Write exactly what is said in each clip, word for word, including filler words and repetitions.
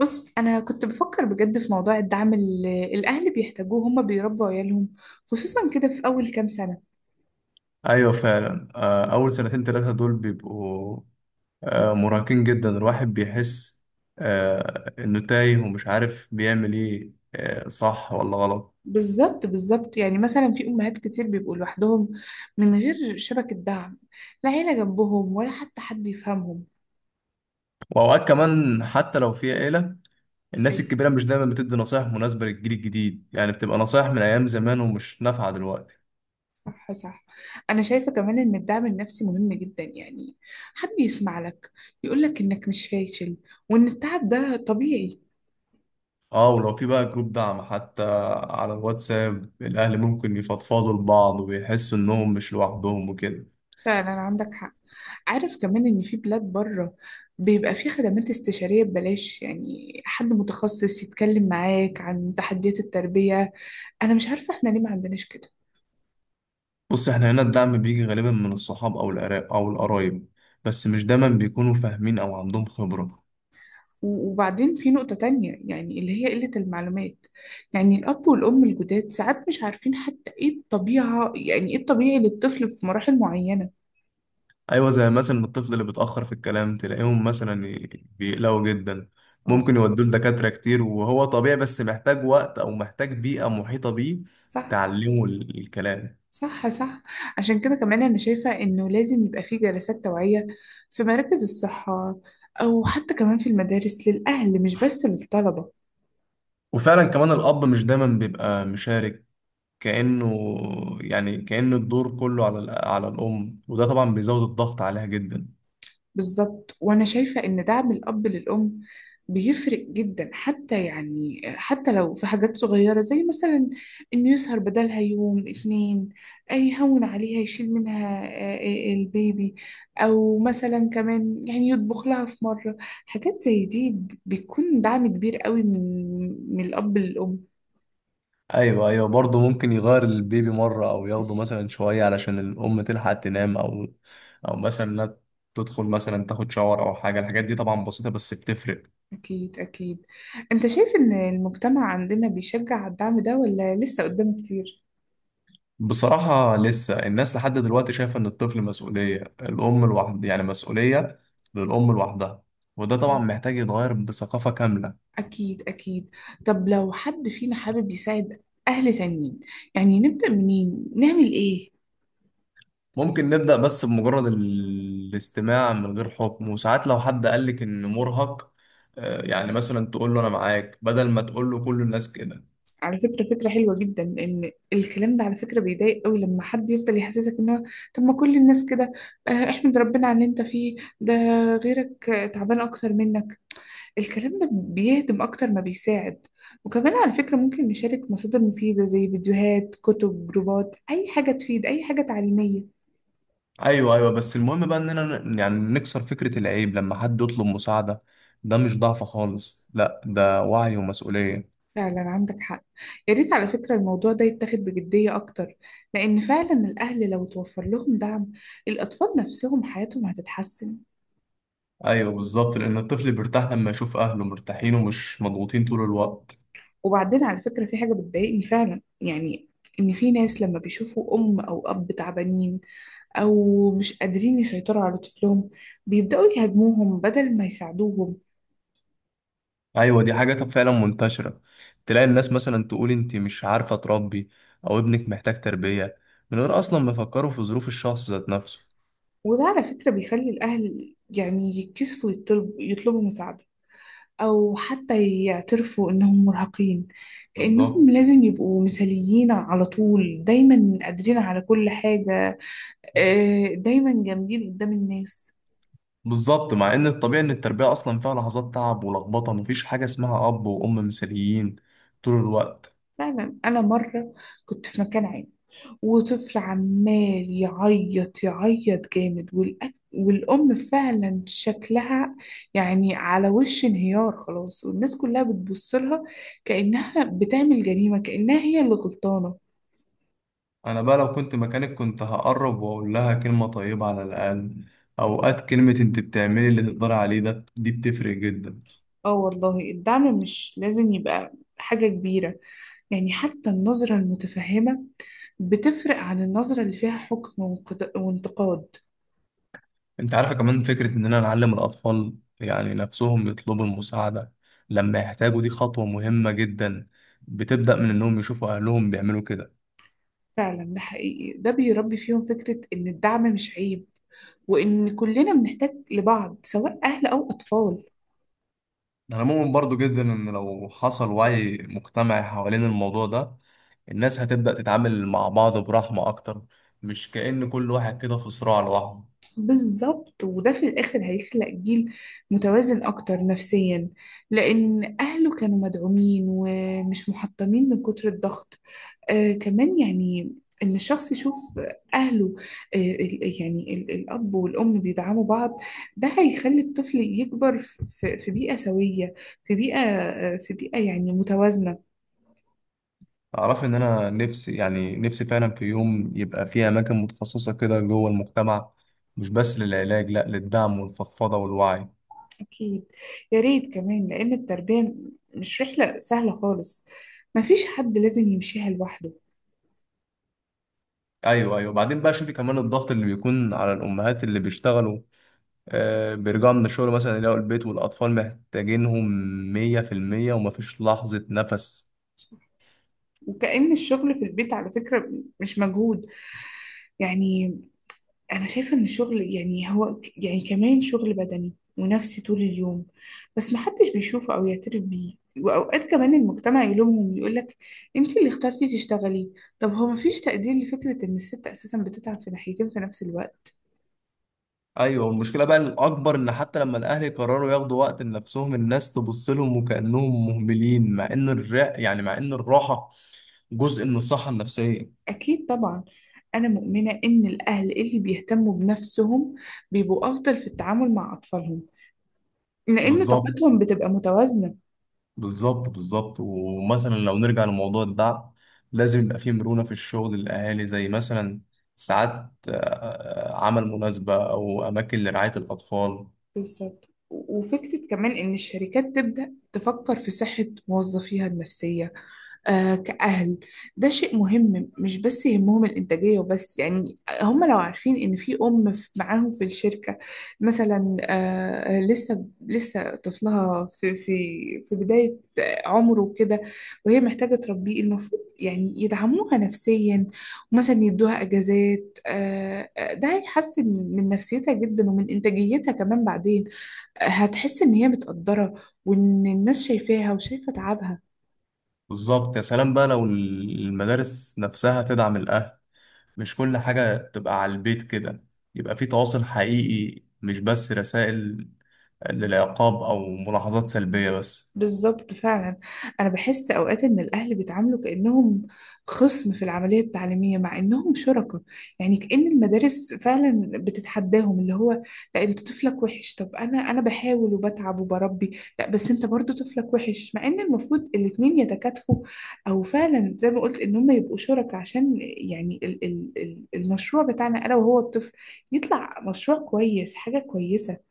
بص، انا كنت بفكر بجد في موضوع الدعم اللي الاهل بيحتاجوه. هما بيربوا عيالهم خصوصا كده في اول كام سنه. ايوه، فعلا، آه، اول سنتين ثلاثه دول بيبقوا آه، مرهقين جدا. الواحد بيحس آه، انه تايه ومش عارف بيعمل ايه، آه، صح ولا غلط. بالظبط بالظبط، يعني مثلا في امهات كتير بيبقوا لوحدهم من غير شبكه دعم، لا عيله جنبهم ولا حتى حد يفهمهم. واوقات كمان حتى لو في عيله، الناس ايوه، الكبيره مش دايما بتدي نصايح مناسبه للجيل الجديد، يعني بتبقى نصايح من ايام زمان ومش نافعه دلوقتي. صح صح. انا شايفه كمان ان الدعم النفسي مهم جدا، يعني حد يسمع لك، يقول لك انك مش فاشل وان التعب ده طبيعي. اه، ولو في بقى جروب دعم حتى على الواتساب، الاهل ممكن يفضفضوا لبعض ويحسوا انهم مش لوحدهم وكده. فعلا عندك حق. عارف كمان إن في بلاد بره بيبقى في خدمات استشارية ببلاش، يعني حد متخصص يتكلم معاك عن تحديات التربية. أنا مش عارفة إحنا ليه ما عندناش كده. بص، احنا هنا الدعم بيجي غالبا من الصحاب او العراق او القرايب، بس مش دايما بيكونوا فاهمين او عندهم خبرة. و- وبعدين في نقطة تانية، يعني اللي هي قلة المعلومات. يعني الأب والأم الجداد ساعات مش عارفين حتى إيه الطبيعة، يعني إيه الطبيعي للطفل في مراحل معينة. ايوه، زي مثلا الطفل اللي بيتأخر في الكلام تلاقيهم مثلا ي- بيقلقوا جدا. اه، ممكن يودوه لدكاترة كتير وهو طبيعي، بس محتاج وقت او محتاج بيئة محيطة بيه صح تعلمه ال- الكلام. صح صح. عشان كده كمان أنا شايفة إنه لازم يبقى في جلسات توعية، في مراكز الصحة، أو حتى كمان في المدارس للأهل مش بس للطلبة. وفعلا كمان الاب مش دايما بيبقى مشارك، كأنه يعني كأن الدور كله على ال- على الام، وده طبعا بيزود الضغط عليها جدا. بالظبط، وانا شايفه ان دعم الاب للام بيفرق جدا، حتى يعني حتى لو في حاجات صغيره زي مثلا انه يسهر بدلها يوم اتنين، أي يهون عليها يشيل منها آه، آه، البيبي، او مثلا كمان يعني يطبخ لها في مره. حاجات زي دي ب- بيكون دعم كبير قوي من من الاب للام. ايوه ايوه، برضه ممكن يغير البيبي مره او ياخده مثلا شويه علشان الام تلحق تنام، او او مثلا إنها تدخل مثلا تاخد شاور او حاجه. الحاجات دي طبعا بسيطه بس بتفرق. اكيد اكيد. انت شايف ان المجتمع عندنا بيشجع على الدعم ده، ولا لسه قدامه كتير؟ بصراحه لسه الناس لحد دلوقتي شايفه ان الطفل مسؤوليه الام لوحدها، يعني مسؤوليه للام لوحدها. وده طبعا محتاج يتغير بثقافه كامله. أكيد أكيد. طب لو حد فينا حابب يساعد أهل تانيين، يعني نبدأ منين؟ نعمل إيه؟ ممكن نبدا بس بمجرد ال- الاستماع من غير حكم. وساعات لو حد قالك ان مرهق، آه، يعني مثلا تقول له انا معاك، بدل ما تقول له كل الناس كده. على فكرة فكرة حلوة جدا. لأن الكلام ده على فكرة بيضايق قوي لما حد يفضل يحسسك إن هو، طب ما كل الناس كده، آه، احمد ربنا على اللي أنت فيه ده، غيرك آه، تعبان أكتر منك. الكلام ده بيهدم أكتر ما بيساعد. وكمان على فكرة ممكن نشارك مصادر مفيدة زي فيديوهات، كتب، جروبات، أي حاجة تفيد، أي حاجة تعليمية. ايوه ايوه، بس المهم بقى اننا ن- يعني نكسر فكرة العيب لما حد يطلب مساعدة. ده مش ضعف خالص، لا، ده وعي ومسؤولية. فعلا عندك حق. يا ريت على فكرة الموضوع ده يتاخد بجدية أكتر، لأن فعلا الأهل لو توفر لهم دعم، الأطفال نفسهم حياتهم هتتحسن. ايوه بالظبط، لان الطفل بيرتاح لما يشوف اهله مرتاحين ومش مضغوطين طول الوقت. وبعدين على فكرة في حاجة بتضايقني فعلا، يعني إن في ناس لما بيشوفوا أم أو أب تعبانين، أو مش قادرين يسيطروا على طفلهم، بيبدأوا يهاجموهم بدل ما يساعدوهم. ايوه، دي حاجة فعلا منتشرة. تلاقي الناس مثلا تقول انت مش عارفة تربي، او ابنك محتاج تربية، من غير اصلا ما يفكروا في ظروف الشخص ذات نفسه. وده على فكرة بيخلي الأهل يعني يتكسفوا يطلب- يطلبوا مساعدة، أو حتى يعترفوا إنهم مرهقين. بالظبط كأنهم لازم يبقوا مثاليين على طول، دايما قادرين على كل حاجة، آه، دايما جامدين قدام الناس. بالظبط، مع ان الطبيعي ان التربية اصلا فيها لحظات تعب ولخبطة. مفيش حاجة اسمها اب وام مثاليين طول الوقت. فعلا أنا مرة كنت في مكان عام، وطفل عمال يعيط يعيط جامد، والأك... والأم فعلا شكلها يعني على وش انهيار خلاص، والناس كلها بتبص لها، كأنها بتعمل جريمة، كأنها هي اللي غلطانة. انا بقى لو كنت مكانك كنت هقرب واقول لها كلمة طيبة على الاقل. اوقات كلمة انت بتعملي اللي تقدري عليه، ده دي بتفرق جدا. اه والله، الدعم مش لازم يبقى حاجة كبيرة، يعني حتى النظرة المتفهمة بتفرق عن النظرة اللي فيها حكم وانقد- وانتقاد. انت عارفة كمان فكرة اننا نعلم الاطفال يعني نفسهم يطلبوا المساعدة لما يحتاجوا، دي خطوة مهمة جدا. بتبدأ من انهم يشوفوا اهلهم بيعملوا كده. فعلا ده حقيقي. ده بيربي فيهم فكرة إن الدعم مش عيب، وإن كلنا بنحتاج لبعض سواء أهل أو أطفال. انا مؤمن برضو جدا ان لو حصل وعي مجتمعي حوالين الموضوع ده، الناس هتبدأ تتعامل مع بعض برحمة اكتر، مش كأن كل واحد كده في صراع لوحده. بالظبط، وده في الآخر هيخلق جيل متوازن أكتر نفسيا، لأن أهله كانوا مدعومين ومش محطمين من كتر الضغط. آه كمان يعني إن الشخص يشوف أهله، آه ال- يعني ال- الأب والأم بيدعموا بعض، ده هيخلي الطفل يكبر في في- في بيئة سوية، في بيئة، آه في بيئة يعني متوازنة. أعرف إن أنا نفسي يعني نفسي فعلا في يوم يبقى في أماكن متخصصة كده جوه المجتمع، مش بس للعلاج، لأ، للدعم والفضفضة والوعي. أكيد. يا ريت كمان، لأن التربية مش رحلة سهلة خالص، مفيش حد لازم يمشيها لوحده. أيوه أيوه، بعدين بقى شوفي كمان الضغط اللي بيكون على الأمهات اللي بيشتغلوا. آه بيرجعوا من الشغل مثلا يلاقوا البيت والأطفال محتاجينهم مية في المية، ومفيش لحظة نفس. وكأن الشغل في البيت على فكرة مش مجهود، يعني أنا شايفة إن الشغل يعني هو ك- يعني كمان شغل بدني ونفسي طول اليوم، بس محدش بيشوفه أو يعترف بيه. وأوقات كمان المجتمع يلومهم ويقولك أنت اللي اخترتي تشتغلي. طب هو مفيش تقدير لفكرة إن الست أساسا بتتعب في ناحيتين في نفس الوقت؟ أيوه، المشكلة بقى الأكبر إن حتى لما الأهل يقرروا ياخدوا وقت لنفسهم الناس تبص لهم وكأنهم مهملين، مع إن الرق يعني مع إن الراحة جزء من الصحة النفسية. أكيد طبعا. أنا مؤمنة إن الأهل اللي بيهتموا بنفسهم بيبقوا أفضل في التعامل مع أطفالهم، لأن بالظبط. طاقتهم بتبقى متوازنة. بالظبط بالظبط، ومثلا لو نرجع لموضوع الدعم، لازم يبقى فيه مرونة في الشغل للأهالي، زي مثلا ساعات آه، عمل مناسبة أو أماكن لرعاية الأطفال. بالظبط، وفكرة كمان إن الشركات تبدأ تفكر في صحة موظفيها النفسية، آه، كأهل. ده شيء مهم، مش بس يهمهم الإنتاجية وبس. يعني هم لو عارفين إن في أم في- معاهم في الشركة مثلا، آه، لسه لسه طفلها في في في بداية عمره كده، وهي محتاجة تربيه، المفروض يعني يدعموها نفسيا، ومثلا يدوها أجازات، آه، آه، ده هيحسن من نفسيتها جدا، ومن إنتاجيتها كمان. بعدين آه، هتحس إن هي متقدرة، وإن الناس شايفاها وشايفة تعبها. بالظبط، يا سلام بقى لو المدارس نفسها تدعم الأهل، مش كل حاجة تبقى على البيت كده. يبقى فيه تواصل حقيقي، مش بس رسائل للعقاب أو ملاحظات سلبية بس. بالظبط فعلا. انا بحس اوقات ان الاهل بيتعاملوا كانهم خصم في العمليه التعليميه، مع انهم شركاء. يعني كأن المدارس فعلا بتتحداهم، اللي هو لا، انت طفلك وحش. طب انا انا بحاول وبتعب وبربي، لا بس انت برضو طفلك وحش. مع ان المفروض الاتنين يتكاتفوا، او فعلا زي ما قلت ان هم يبقوا شركاء، عشان يعني ال ال ال- المشروع بتاعنا انا وهو الطفل يطلع مشروع كويس، حاجه كويسه.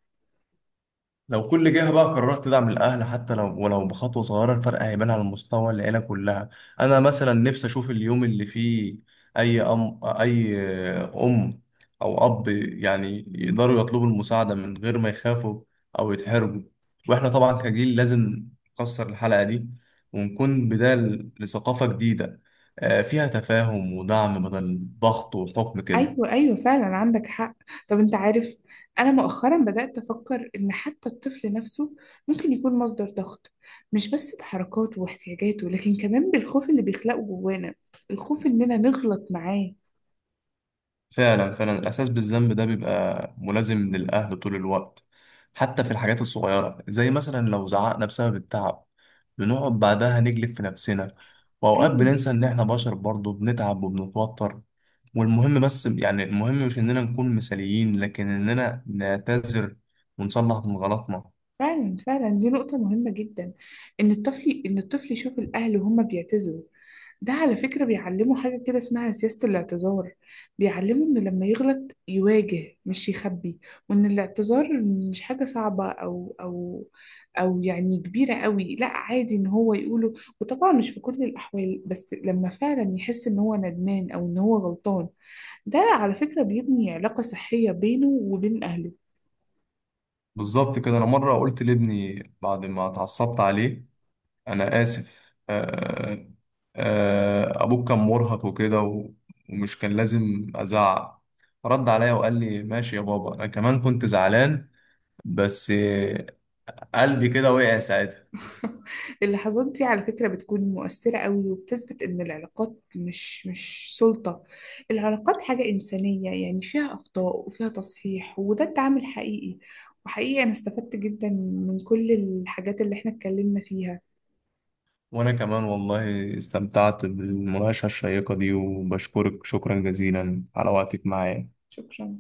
لو كل جهة بقى قررت تدعم الأهل، حتى لو ولو بخطوة صغيرة، الفرق هيبان على مستوى العيلة كلها. أنا مثلا نفسي أشوف اليوم اللي فيه أي أم أي أم أو أب يعني يقدروا يطلبوا المساعدة من غير ما يخافوا أو يتحرجوا. وإحنا طبعا كجيل لازم نكسر الحلقة دي، ونكون بداية لثقافة جديدة، آه، فيها تفاهم ودعم بدل ضغط وحكم كده. ايوه ايوه، فعلا عندك حق. طب انت عارف، انا مؤخرا بدأت افكر ان حتى الطفل نفسه ممكن يكون مصدر ضغط، مش بس بحركاته واحتياجاته، لكن كمان بالخوف اللي بيخلقه جوانا، الخوف اننا نغلط معاه. فعلا فعلا، الإحساس بالذنب ده بيبقى ملازم للأهل طول الوقت، حتى في الحاجات الصغيرة زي مثلا لو زعقنا بسبب التعب، بنقعد بعدها نجلد في نفسنا. وأوقات ايوه بننسى إن إحنا بشر برضه بنتعب وبنتوتر. والمهم بس يعني المهم مش إننا نكون مثاليين، لكن إننا نعتذر ونصلح من غلطنا. فعلا فعلا. دي نقطة مهمة جدا، إن الطفل إن الطفل يشوف الأهل وهم بيعتذروا. ده على فكرة بيعلمه حاجة كده اسمها سياسة الاعتذار، بيعلمه إنه لما يغلط يواجه مش يخبي. وإن الاعتذار مش حاجة صعبة أو أو أو يعني كبيرة قوي، لا عادي إن هو يقوله. وطبعا مش في كل الأحوال، بس لما فعلا يحس إن هو ندمان أو إن هو غلطان، ده على فكرة بيبني علاقة صحية بينه وبين أهله. بالظبط كده. أنا مرة قلت لابني بعد ما اتعصبت عليه: أنا آسف، آه آه أبوك كان مرهق وكده، و- ومش كان لازم أزعق. رد عليا وقال لي ماشي يا بابا، أنا كمان كنت زعلان. بس آه، قلبي كده وقع ساعتها. اللحظات دي على فكرة بتكون مؤثرة قوي، وبتثبت إن العلاقات مش مش سلطة. العلاقات حاجة إنسانية، يعني فيها أخطاء وفيها تصحيح، وده التعامل حقيقي. وحقيقي أنا استفدت جدا من كل الحاجات اللي إحنا اتكلمنا فيها. وأنا كمان والله استمتعت بالمناقشة الشيقة دي، وبشكرك شكرا جزيلا على وقتك معايا. شكرا.